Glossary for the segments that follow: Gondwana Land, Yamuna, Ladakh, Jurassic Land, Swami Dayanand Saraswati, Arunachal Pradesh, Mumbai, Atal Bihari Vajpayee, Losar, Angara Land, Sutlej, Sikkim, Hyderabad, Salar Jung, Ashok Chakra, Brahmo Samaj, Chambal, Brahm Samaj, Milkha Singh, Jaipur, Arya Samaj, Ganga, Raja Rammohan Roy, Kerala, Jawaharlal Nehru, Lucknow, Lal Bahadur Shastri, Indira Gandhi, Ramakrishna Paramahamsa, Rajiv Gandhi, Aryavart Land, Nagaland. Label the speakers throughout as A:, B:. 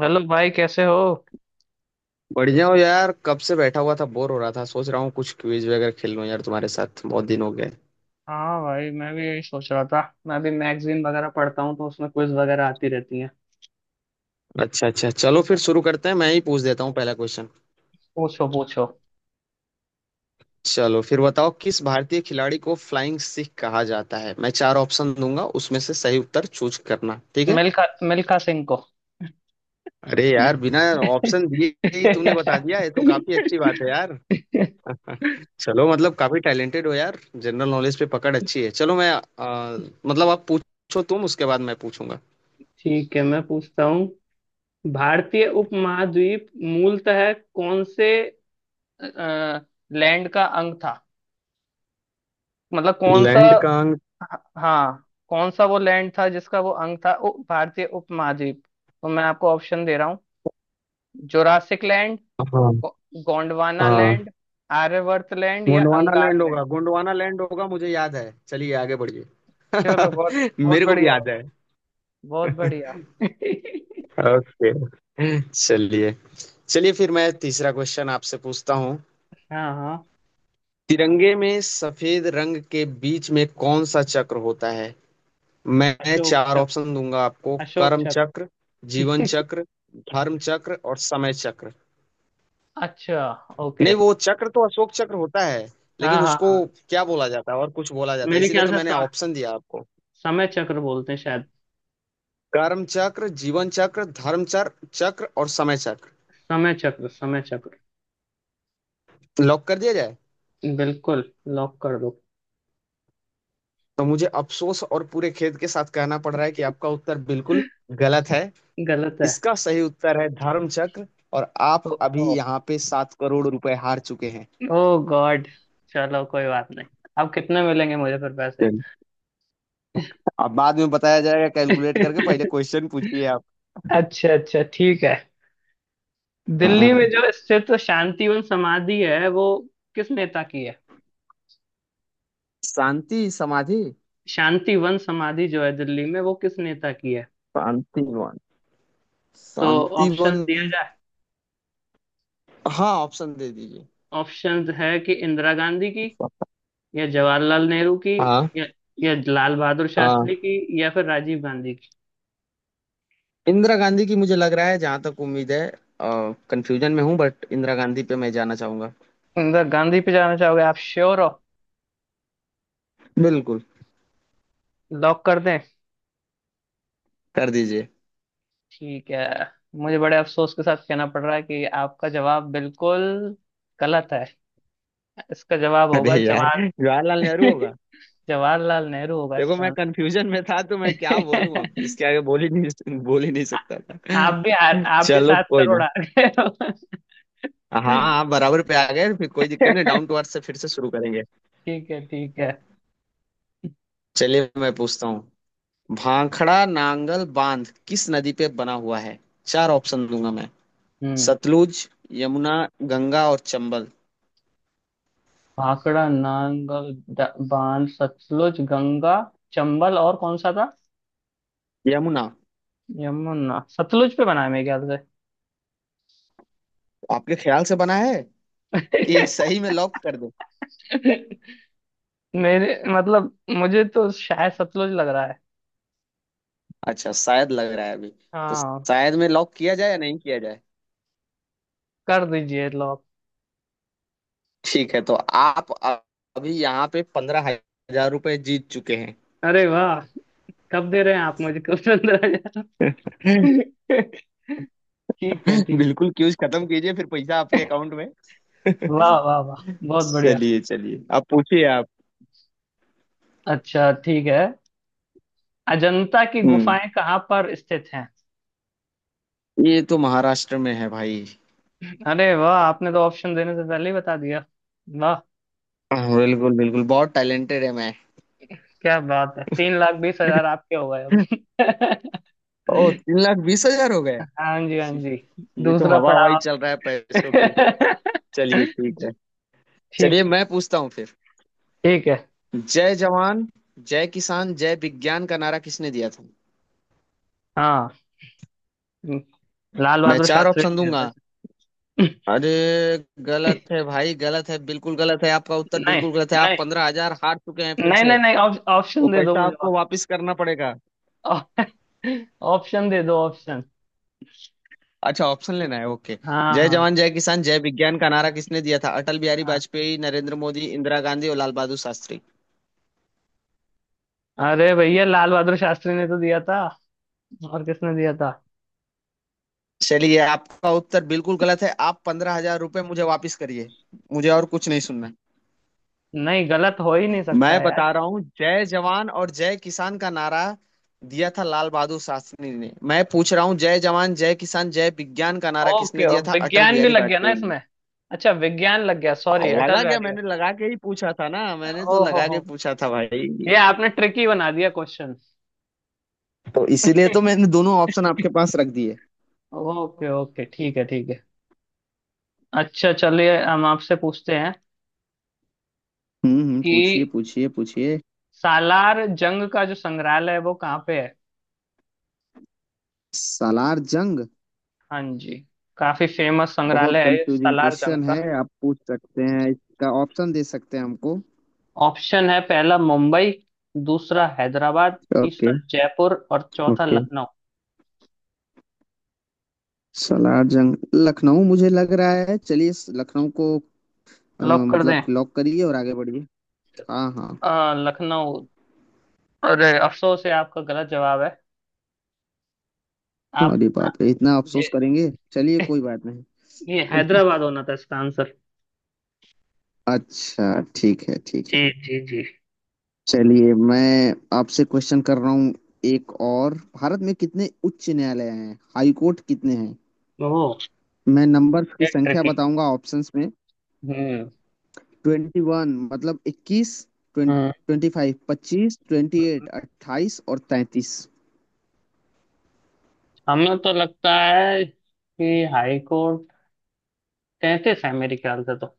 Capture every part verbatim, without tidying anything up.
A: Hello भाई, कैसे हो।
B: बढ़िया हो यार। कब से बैठा हुआ था, बोर हो रहा था। सोच रहा हूँ कुछ क्विज वगैरह खेल लूँ यार, तुम्हारे साथ बहुत दिन हो गए।
A: हाँ भाई, मैं भी यही सोच रहा था। मैं भी मैगजीन वगैरह पढ़ता हूँ तो उसमें क्विज वगैरह आती रहती हैं।
B: अच्छा अच्छा, चलो फिर शुरू करते हैं। मैं ही पूछ देता हूँ पहला क्वेश्चन।
A: पूछो पूछो।
B: चलो फिर बताओ, किस भारतीय खिलाड़ी को फ्लाइंग सिख कहा जाता है? मैं चार ऑप्शन दूंगा, उसमें से सही उत्तर चूज करना, ठीक है?
A: मिल्खा। मिल्खा सिंह को।
B: अरे यार, बिना ऑप्शन दिए ही तूने बता दिया, ये तो काफी अच्छी बात है यार। चलो, मतलब काफी टैलेंटेड हो यार, जनरल नॉलेज पे पकड़ अच्छी है। चलो मैं अ, मतलब आप पूछो, तुम उसके बाद मैं पूछूंगा।
A: ठीक है, मैं पूछता हूँ। भारतीय उपमहाद्वीप मूलतः कौन से लैंड का अंग था? मतलब कौन सा?
B: लैंड का अंक?
A: हाँ, कौन सा वो लैंड था जिसका वो अंग था, उ- भारतीय उपमहाद्वीप। तो मैं आपको ऑप्शन दे रहा हूँ। जोरासिक लैंड,
B: हाँ।
A: गो- गोंडवाना
B: हाँ,
A: लैंड, आर्यवर्त लैंड या
B: गोंडवाना
A: अंगार
B: लैंड होगा,
A: लैंड।
B: गोंडवाना लैंड होगा, मुझे याद है। चलिए आगे बढ़िए।
A: चलो, बहुत बहुत
B: मेरे को भी
A: बढ़िया।
B: याद है।
A: बहुत बढ़िया।
B: ओके। चलिए। चलिए फिर मैं तीसरा क्वेश्चन आपसे पूछता हूँ।
A: हाँ हाँ।
B: तिरंगे में सफेद रंग के बीच में कौन सा चक्र होता है? मैं
A: अशोक
B: चार
A: चक,
B: ऑप्शन दूंगा आपको।
A: अशोक
B: कर्म
A: चक।
B: चक्र, जीवन चक्र, धर्म चक्र और समय चक्र।
A: अच्छा, ओके।
B: नहीं, वो चक्र तो अशोक चक्र होता है।
A: हाँ
B: लेकिन
A: हाँ
B: उसको
A: हाँ।
B: क्या बोला जाता है? और कुछ बोला जाता है,
A: मेरे
B: इसीलिए
A: ख्याल
B: तो
A: से
B: मैंने
A: स-
B: ऑप्शन दिया।
A: समय चक्र बोलते हैं शायद।
B: कर्म चक्र, जीवन चक्र, धर्म चक्र चक्र और समय चक्र।
A: समय चक्र, समय चक्र।
B: लॉक कर दिया जाए।
A: बिल्कुल, लॉक कर दो।
B: तो मुझे अफसोस और पूरे खेद के साथ कहना पड़ रहा है कि आपका उत्तर बिल्कुल गलत है।
A: गलत है।
B: इसका सही उत्तर है धर्म चक्र। और आप अभी
A: ओ!
B: यहाँ पे सात करोड़ रुपए हार चुके हैं।
A: ओ गॉड! चलो, कोई बात नहीं। अब कितने मिलेंगे मुझे फिर पैसे?
B: चलिए, अब बाद में बताया जाएगा कैलकुलेट करके। पहले क्वेश्चन पूछिए आप।
A: अच्छा अच्छा, ठीक है। दिल्ली में
B: हाँ।
A: जो स्थित शांतिवन समाधि है वो किस नेता की है?
B: शांति समाधि?
A: शांतिवन समाधि जो है दिल्ली में, वो किस नेता की है?
B: शांतिवन?
A: तो ऑप्शन
B: शांतिवन?
A: दिया जाए।
B: हाँ, ऑप्शन दे दीजिए।
A: ऑप्शन है कि इंदिरा गांधी की, या जवाहरलाल नेहरू की,
B: हाँ।
A: या, या लाल बहादुर
B: हाँ।
A: शास्त्री की, या फिर राजीव गांधी की।
B: इंदिरा गांधी की मुझे लग रहा है, जहां तक उम्मीद है। कंफ्यूजन में हूँ, बट इंदिरा गांधी पे मैं जाना चाहूंगा।
A: इंदिरा गांधी पे जाना चाहोगे? आप श्योर हो?
B: बिल्कुल।
A: लॉक कर दें?
B: कर दीजिए।
A: ठीक है। मुझे बड़े अफसोस के साथ कहना पड़ रहा है कि आपका जवाब बिल्कुल गलत है। इसका जवाब
B: अरे
A: होगा
B: यार,
A: जवाहर
B: जवाहरलाल नेहरू होगा।
A: जवाहरलाल नेहरू होगा
B: देखो, मैं
A: इसका।
B: कंफ्यूजन में था, तो मैं क्या बोलूं? अब इसके आगे बोल ही नहीं बोल ही नहीं सकता
A: आप भी हार,
B: था।
A: आप भी
B: चलो
A: सात
B: कोई ना।
A: करोड़ हार गए हो।
B: हाँ, आप बराबर पे आ गए, फिर कोई दिक्कत नहीं। डाउन टू अर्थ से फिर से शुरू करेंगे।
A: ठीक है ठीक है।
B: चलिए, मैं पूछता हूँ। भाखड़ा नांगल बांध किस नदी पे बना हुआ है? चार ऑप्शन दूंगा मैं।
A: हम्म।
B: सतलुज, यमुना, गंगा और चंबल।
A: भाखड़ा नांगल द- बांध। सतलुज, गंगा, चंबल और कौन सा था?
B: यमुना?
A: यमुना। सतलुज पे बना है मेरे ख्याल
B: आपके ख्याल से बना है, कि सही में लॉक कर दो?
A: से। मेरे मतलब मुझे तो शायद सतलुज लग रहा है।
B: अच्छा, शायद लग रहा है अभी। तो
A: हाँ।
B: शायद में लॉक किया जाए या नहीं किया जाए?
A: कर दीजिए लॉक।
B: ठीक है, तो आप अ- अभी यहाँ पे पंद्रह हजार रुपए जीत चुके हैं।
A: अरे वाह! कब दे रहे हैं आप मुझको? पंद्रह हज़ार। ठीक है ठीक।
B: बिल्कुल, क्यूज खत्म कीजिए फिर पैसा आपके अकाउंट में।
A: वाह वाह वाह! बहुत बढ़िया।
B: चलिए चलिए, आप पूछिए आप।
A: अच्छा, ठीक है। अजंता की
B: हम्म।
A: गुफाएं कहाँ पर स्थित हैं?
B: ये तो महाराष्ट्र में है भाई।
A: अरे वाह, आपने तो ऑप्शन देने से पहले ही बता दिया। वाह!
B: हाँ, बिल्कुल बिल्कुल, बहुत टैलेंटेड है मैं।
A: क्या बात है, तीन लाख बीस हजार आपके हो गए अब।
B: ओ, तीन लाख बीस हजार हो गए।
A: हाँ जी हाँ जी।
B: ये तो
A: दूसरा
B: हवा हवाई
A: पड़ाव।
B: चल रहा है पैसों की। चलिए ठीक
A: जी,
B: है।
A: ठीक
B: चलिए
A: है
B: मैं पूछता हूँ फिर।
A: ठीक है।
B: जय जवान जय किसान जय विज्ञान का नारा किसने दिया था?
A: हाँ, लाल
B: मैं
A: बहादुर
B: चार
A: शास्त्री ने
B: ऑप्शन
A: दिया था।
B: दूंगा। अरे! गलत है भाई, गलत है, बिल्कुल गलत है, आपका उत्तर
A: नहीं
B: बिल्कुल गलत है। आप
A: नहीं,
B: पंद्रह हजार हार चुके हैं फिर
A: नहीं
B: से।
A: नहीं नहीं, ऑप-
B: वो
A: ऑप्शन दे दो
B: पैसा
A: मुझे
B: आपको
A: ऑप-
B: वापस करना पड़ेगा।
A: ऑप्शन दे दो, ऑप्शन।
B: अच्छा, ऑप्शन लेना है, ओके।
A: हाँ
B: जय
A: हाँ।
B: जवान जय किसान जय विज्ञान का नारा किसने दिया था? अटल बिहारी वाजपेयी, नरेंद्र मोदी, इंदिरा गांधी और लाल बहादुर शास्त्री।
A: हाँ, अरे भैया, लाल बहादुर शास्त्री ने तो दिया था। और किसने दिया था?
B: चलिए, आपका उत्तर बिल्कुल गलत है, आप पंद्रह हजार रुपये मुझे वापस करिए। मुझे और कुछ नहीं सुनना।
A: नहीं, गलत हो ही नहीं सकता
B: मैं
A: है यार।
B: बता रहा हूँ, जय जवान और जय किसान का नारा दिया था लाल बहादुर शास्त्री ने। मैं पूछ रहा हूँ, जय जवान जय किसान जय विज्ञान का नारा
A: ओके,
B: किसने दिया था? अटल
A: विज्ञान भी
B: बिहारी
A: लग गया ना
B: वाजपेयी ने।
A: इसमें? अच्छा, विज्ञान लग गया। सॉरी, अटल
B: लगा क्या
A: बिहारी
B: मैंने?
A: वाजपेयी।
B: लगा के ही पूछा था ना, मैंने
A: ओ
B: तो
A: हो
B: लगा
A: हो!
B: के पूछा था भाई।
A: ये आपने ट्रिकी बना दिया क्वेश्चन।
B: तो इसीलिए तो मैंने दोनों ऑप्शन आपके पास रख दिए।
A: ओके ओके, ठीक है ठीक है। अच्छा, चलिए हम आपसे पूछते हैं
B: हम्म हम्म,
A: कि
B: पूछिए पूछिए पूछिए।
A: सालार जंग का जो संग्रहालय है वो कहाँ पे है?
B: सालार जंग?
A: हाँ जी। काफी फेमस
B: बहुत
A: संग्रहालय है ये
B: कंफ्यूजिंग
A: सालार जंग
B: क्वेश्चन है,
A: का।
B: आप पूछ सकते हैं इसका ऑप्शन, दे सकते हैं हमको।
A: ऑप्शन है, पहला मुंबई, दूसरा हैदराबाद, तीसरा
B: ओके।
A: जयपुर और चौथा
B: ओके।
A: लखनऊ।
B: सलार जंग लखनऊ मुझे लग रहा है, चलिए इस लखनऊ को अ,
A: लॉक कर
B: मतलब
A: दें?
B: लॉक करिए और आगे बढ़िए। हाँ हाँ।
A: आ, लखनऊ। अरे, अफसोस है, आपका गलत जवाब है। आप,
B: अरे बाप रे, इतना
A: ये
B: अफसोस करेंगे? चलिए कोई बात नहीं।
A: ये हैदराबाद होना था इसका आंसर।
B: अच्छा, ठीक है ठीक
A: जी
B: है।
A: जी जी।
B: चलिए, मैं आपसे क्वेश्चन कर रहा हूँ एक और। भारत में कितने उच्च न्यायालय हैं? हाई कोर्ट कितने हैं?
A: ओह!
B: मैं नंबर्स की संख्या
A: ट्रिकी।
B: बताऊंगा ऑप्शंस में।
A: हम्म।
B: ट्वेंटी वन मतलब इक्कीस,
A: हम्म,
B: ट्वेंटी फाइव पच्चीस, ट्वेंटी एट अट्ठाईस और तैंतीस।
A: हमें तो लगता है कि हाई कोर्ट तैतीस है मेरे ख्याल से तो।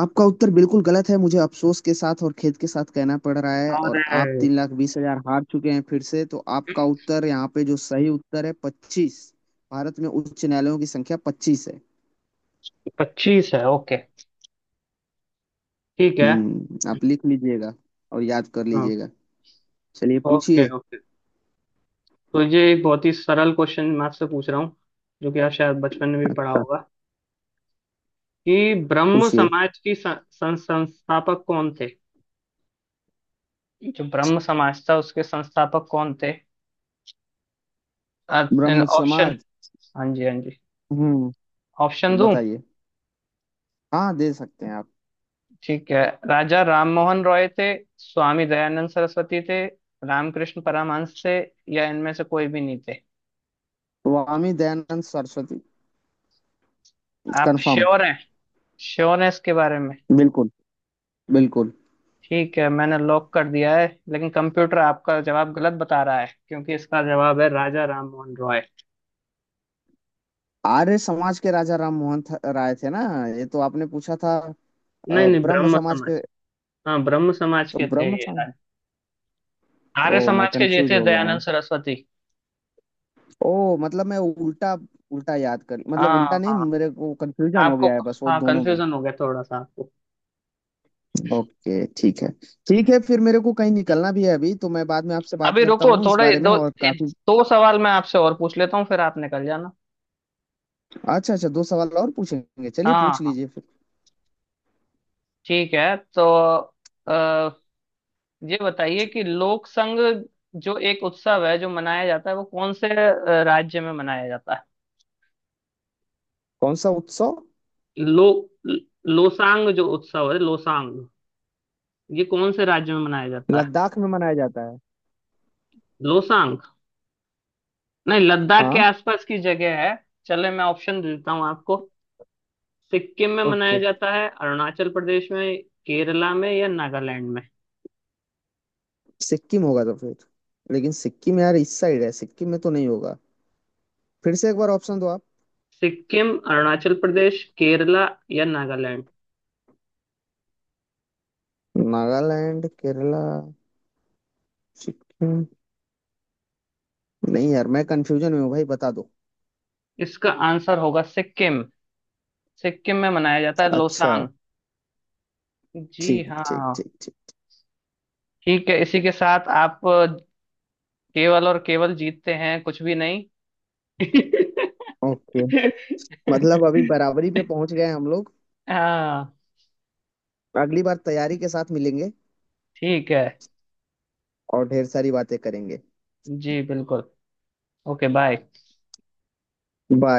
B: आपका उत्तर बिल्कुल गलत है, मुझे अफसोस के साथ और खेद के साथ कहना पड़ रहा है, और आप
A: और
B: तीन लाख बीस हजार हार चुके हैं फिर से। तो आपका उत्तर यहाँ पे, जो सही उत्तर है, पच्चीस। भारत में उच्च न्यायालयों की संख्या पच्चीस है।
A: पच्चीस है, ओके। ठीक है।
B: हम्म, आप लिख लीजिएगा और याद कर
A: हाँ।
B: लीजिएगा। चलिए
A: ओके
B: पूछिए।
A: ओके। तो ये एक बहुत ही सरल क्वेश्चन मैं आपसे पूछ रहा हूँ जो कि आप शायद बचपन में भी पढ़ा
B: अच्छा
A: होगा कि ब्रह्म
B: पूछिए।
A: समाज की सं, सं, संस्थापक कौन थे? जो ब्रह्म समाज था उसके संस्थापक कौन थे?
B: ब्रह्म
A: ऑप्शन?
B: समाज?
A: हाँ जी हाँ जी।
B: हम्म।
A: ऑप्शन दूं?
B: बताइए। हाँ, दे सकते हैं आप।
A: ठीक है। राजा राममोहन रॉय थे, स्वामी दयानंद सरस्वती थे, रामकृष्ण परमहंस थे, या इनमें से कोई भी नहीं थे?
B: स्वामी दयानंद सरस्वती।
A: आप
B: कंफर्म।
A: श्योर हैं? श्योर हैं इसके बारे में?
B: बिल्कुल। बिल्कुल।
A: ठीक है, मैंने लॉक कर दिया है। लेकिन कंप्यूटर आपका जवाब गलत बता रहा है क्योंकि इसका जवाब है राजा राममोहन रॉय।
B: आर्य समाज के राजा राम मोहन थ- राय थे ना? ये तो आपने पूछा था।
A: नहीं
B: अ,
A: नहीं,
B: ब्रह्म
A: ब्रह्म
B: समाज के।
A: समाज। हाँ, ब्रह्म समाज
B: तो
A: के थे
B: ब्रह्म
A: ये
B: समाज।
A: राज-
B: ओ,
A: आर्य
B: मैं
A: समाज के ये
B: कंफ्यूज
A: थे
B: हो गया
A: दयानंद
B: हूँ।
A: सरस्वती।
B: ओ मतलब मैं उल्टा, उल्टा याद कर, मतलब
A: हाँ
B: उल्टा नहीं,
A: हाँ।
B: मेरे को कंफ्यूजन हो
A: आपको,
B: गया है बस, वो
A: हाँ,
B: दोनों में।
A: कंफ्यूजन हो गया थोड़ा सा आपको।
B: ओके ठीक है। ठीक है, फिर मेरे को कहीं निकलना भी है अभी तो मैं बाद में आपसे बात
A: अभी
B: करता
A: रुको
B: हूँ इस
A: थोड़ा, ये
B: बारे में,
A: दो
B: और
A: ये
B: काफी।
A: दो सवाल मैं आपसे और पूछ लेता हूँ, फिर आप निकल जाना।
B: अच्छा अच्छा, दो सवाल और पूछेंगे, चलिए पूछ
A: हाँ हाँ।
B: लीजिए फिर।
A: ठीक है, तो आ, ये बताइए कि लोक संघ जो एक उत्सव है जो मनाया जाता है वो कौन से अ, राज्य में मनाया जाता है?
B: कौन सा उत्सव?
A: लो लोसांग जो उत्सव है, लोसांग ये कौन से राज्य में मनाया जाता है?
B: लद्दाख में मनाया जाता है।
A: लोसांग। नहीं, लद्दाख के
B: हाँ।
A: आसपास की जगह है। चले मैं ऑप्शन दे देता हूँ आपको। सिक्किम में मनाया
B: ओके।
A: जाता है, अरुणाचल प्रदेश में, केरला में या नागालैंड में?
B: सिक्किम होगा तो फिर। लेकिन सिक्किम यार इस साइड है, सिक्किम में तो नहीं होगा। फिर से एक बार ऑप्शन दो आप।
A: सिक्किम, अरुणाचल प्रदेश, केरला या नागालैंड।
B: नागालैंड, केरला। हम्म, नहीं यार, मैं कंफ्यूजन में हूँ भाई, बता दो।
A: इसका आंसर होगा सिक्किम। सिक्किम में मनाया जाता है
B: अच्छा।
A: लोसांग। जी
B: ठीक
A: हाँ।
B: ठीक ठीक ठीक।
A: ठीक है, इसी के साथ आप केवल और केवल जीतते हैं कुछ भी नहीं।
B: ओके। मतलब अभी बराबरी पे पहुंच गए हम लोग।
A: हाँ।
B: अगली बार तैयारी के साथ मिलेंगे
A: ठीक है।
B: और ढेर सारी बातें करेंगे।
A: जी बिल्कुल। Okay, bye.
B: बाय।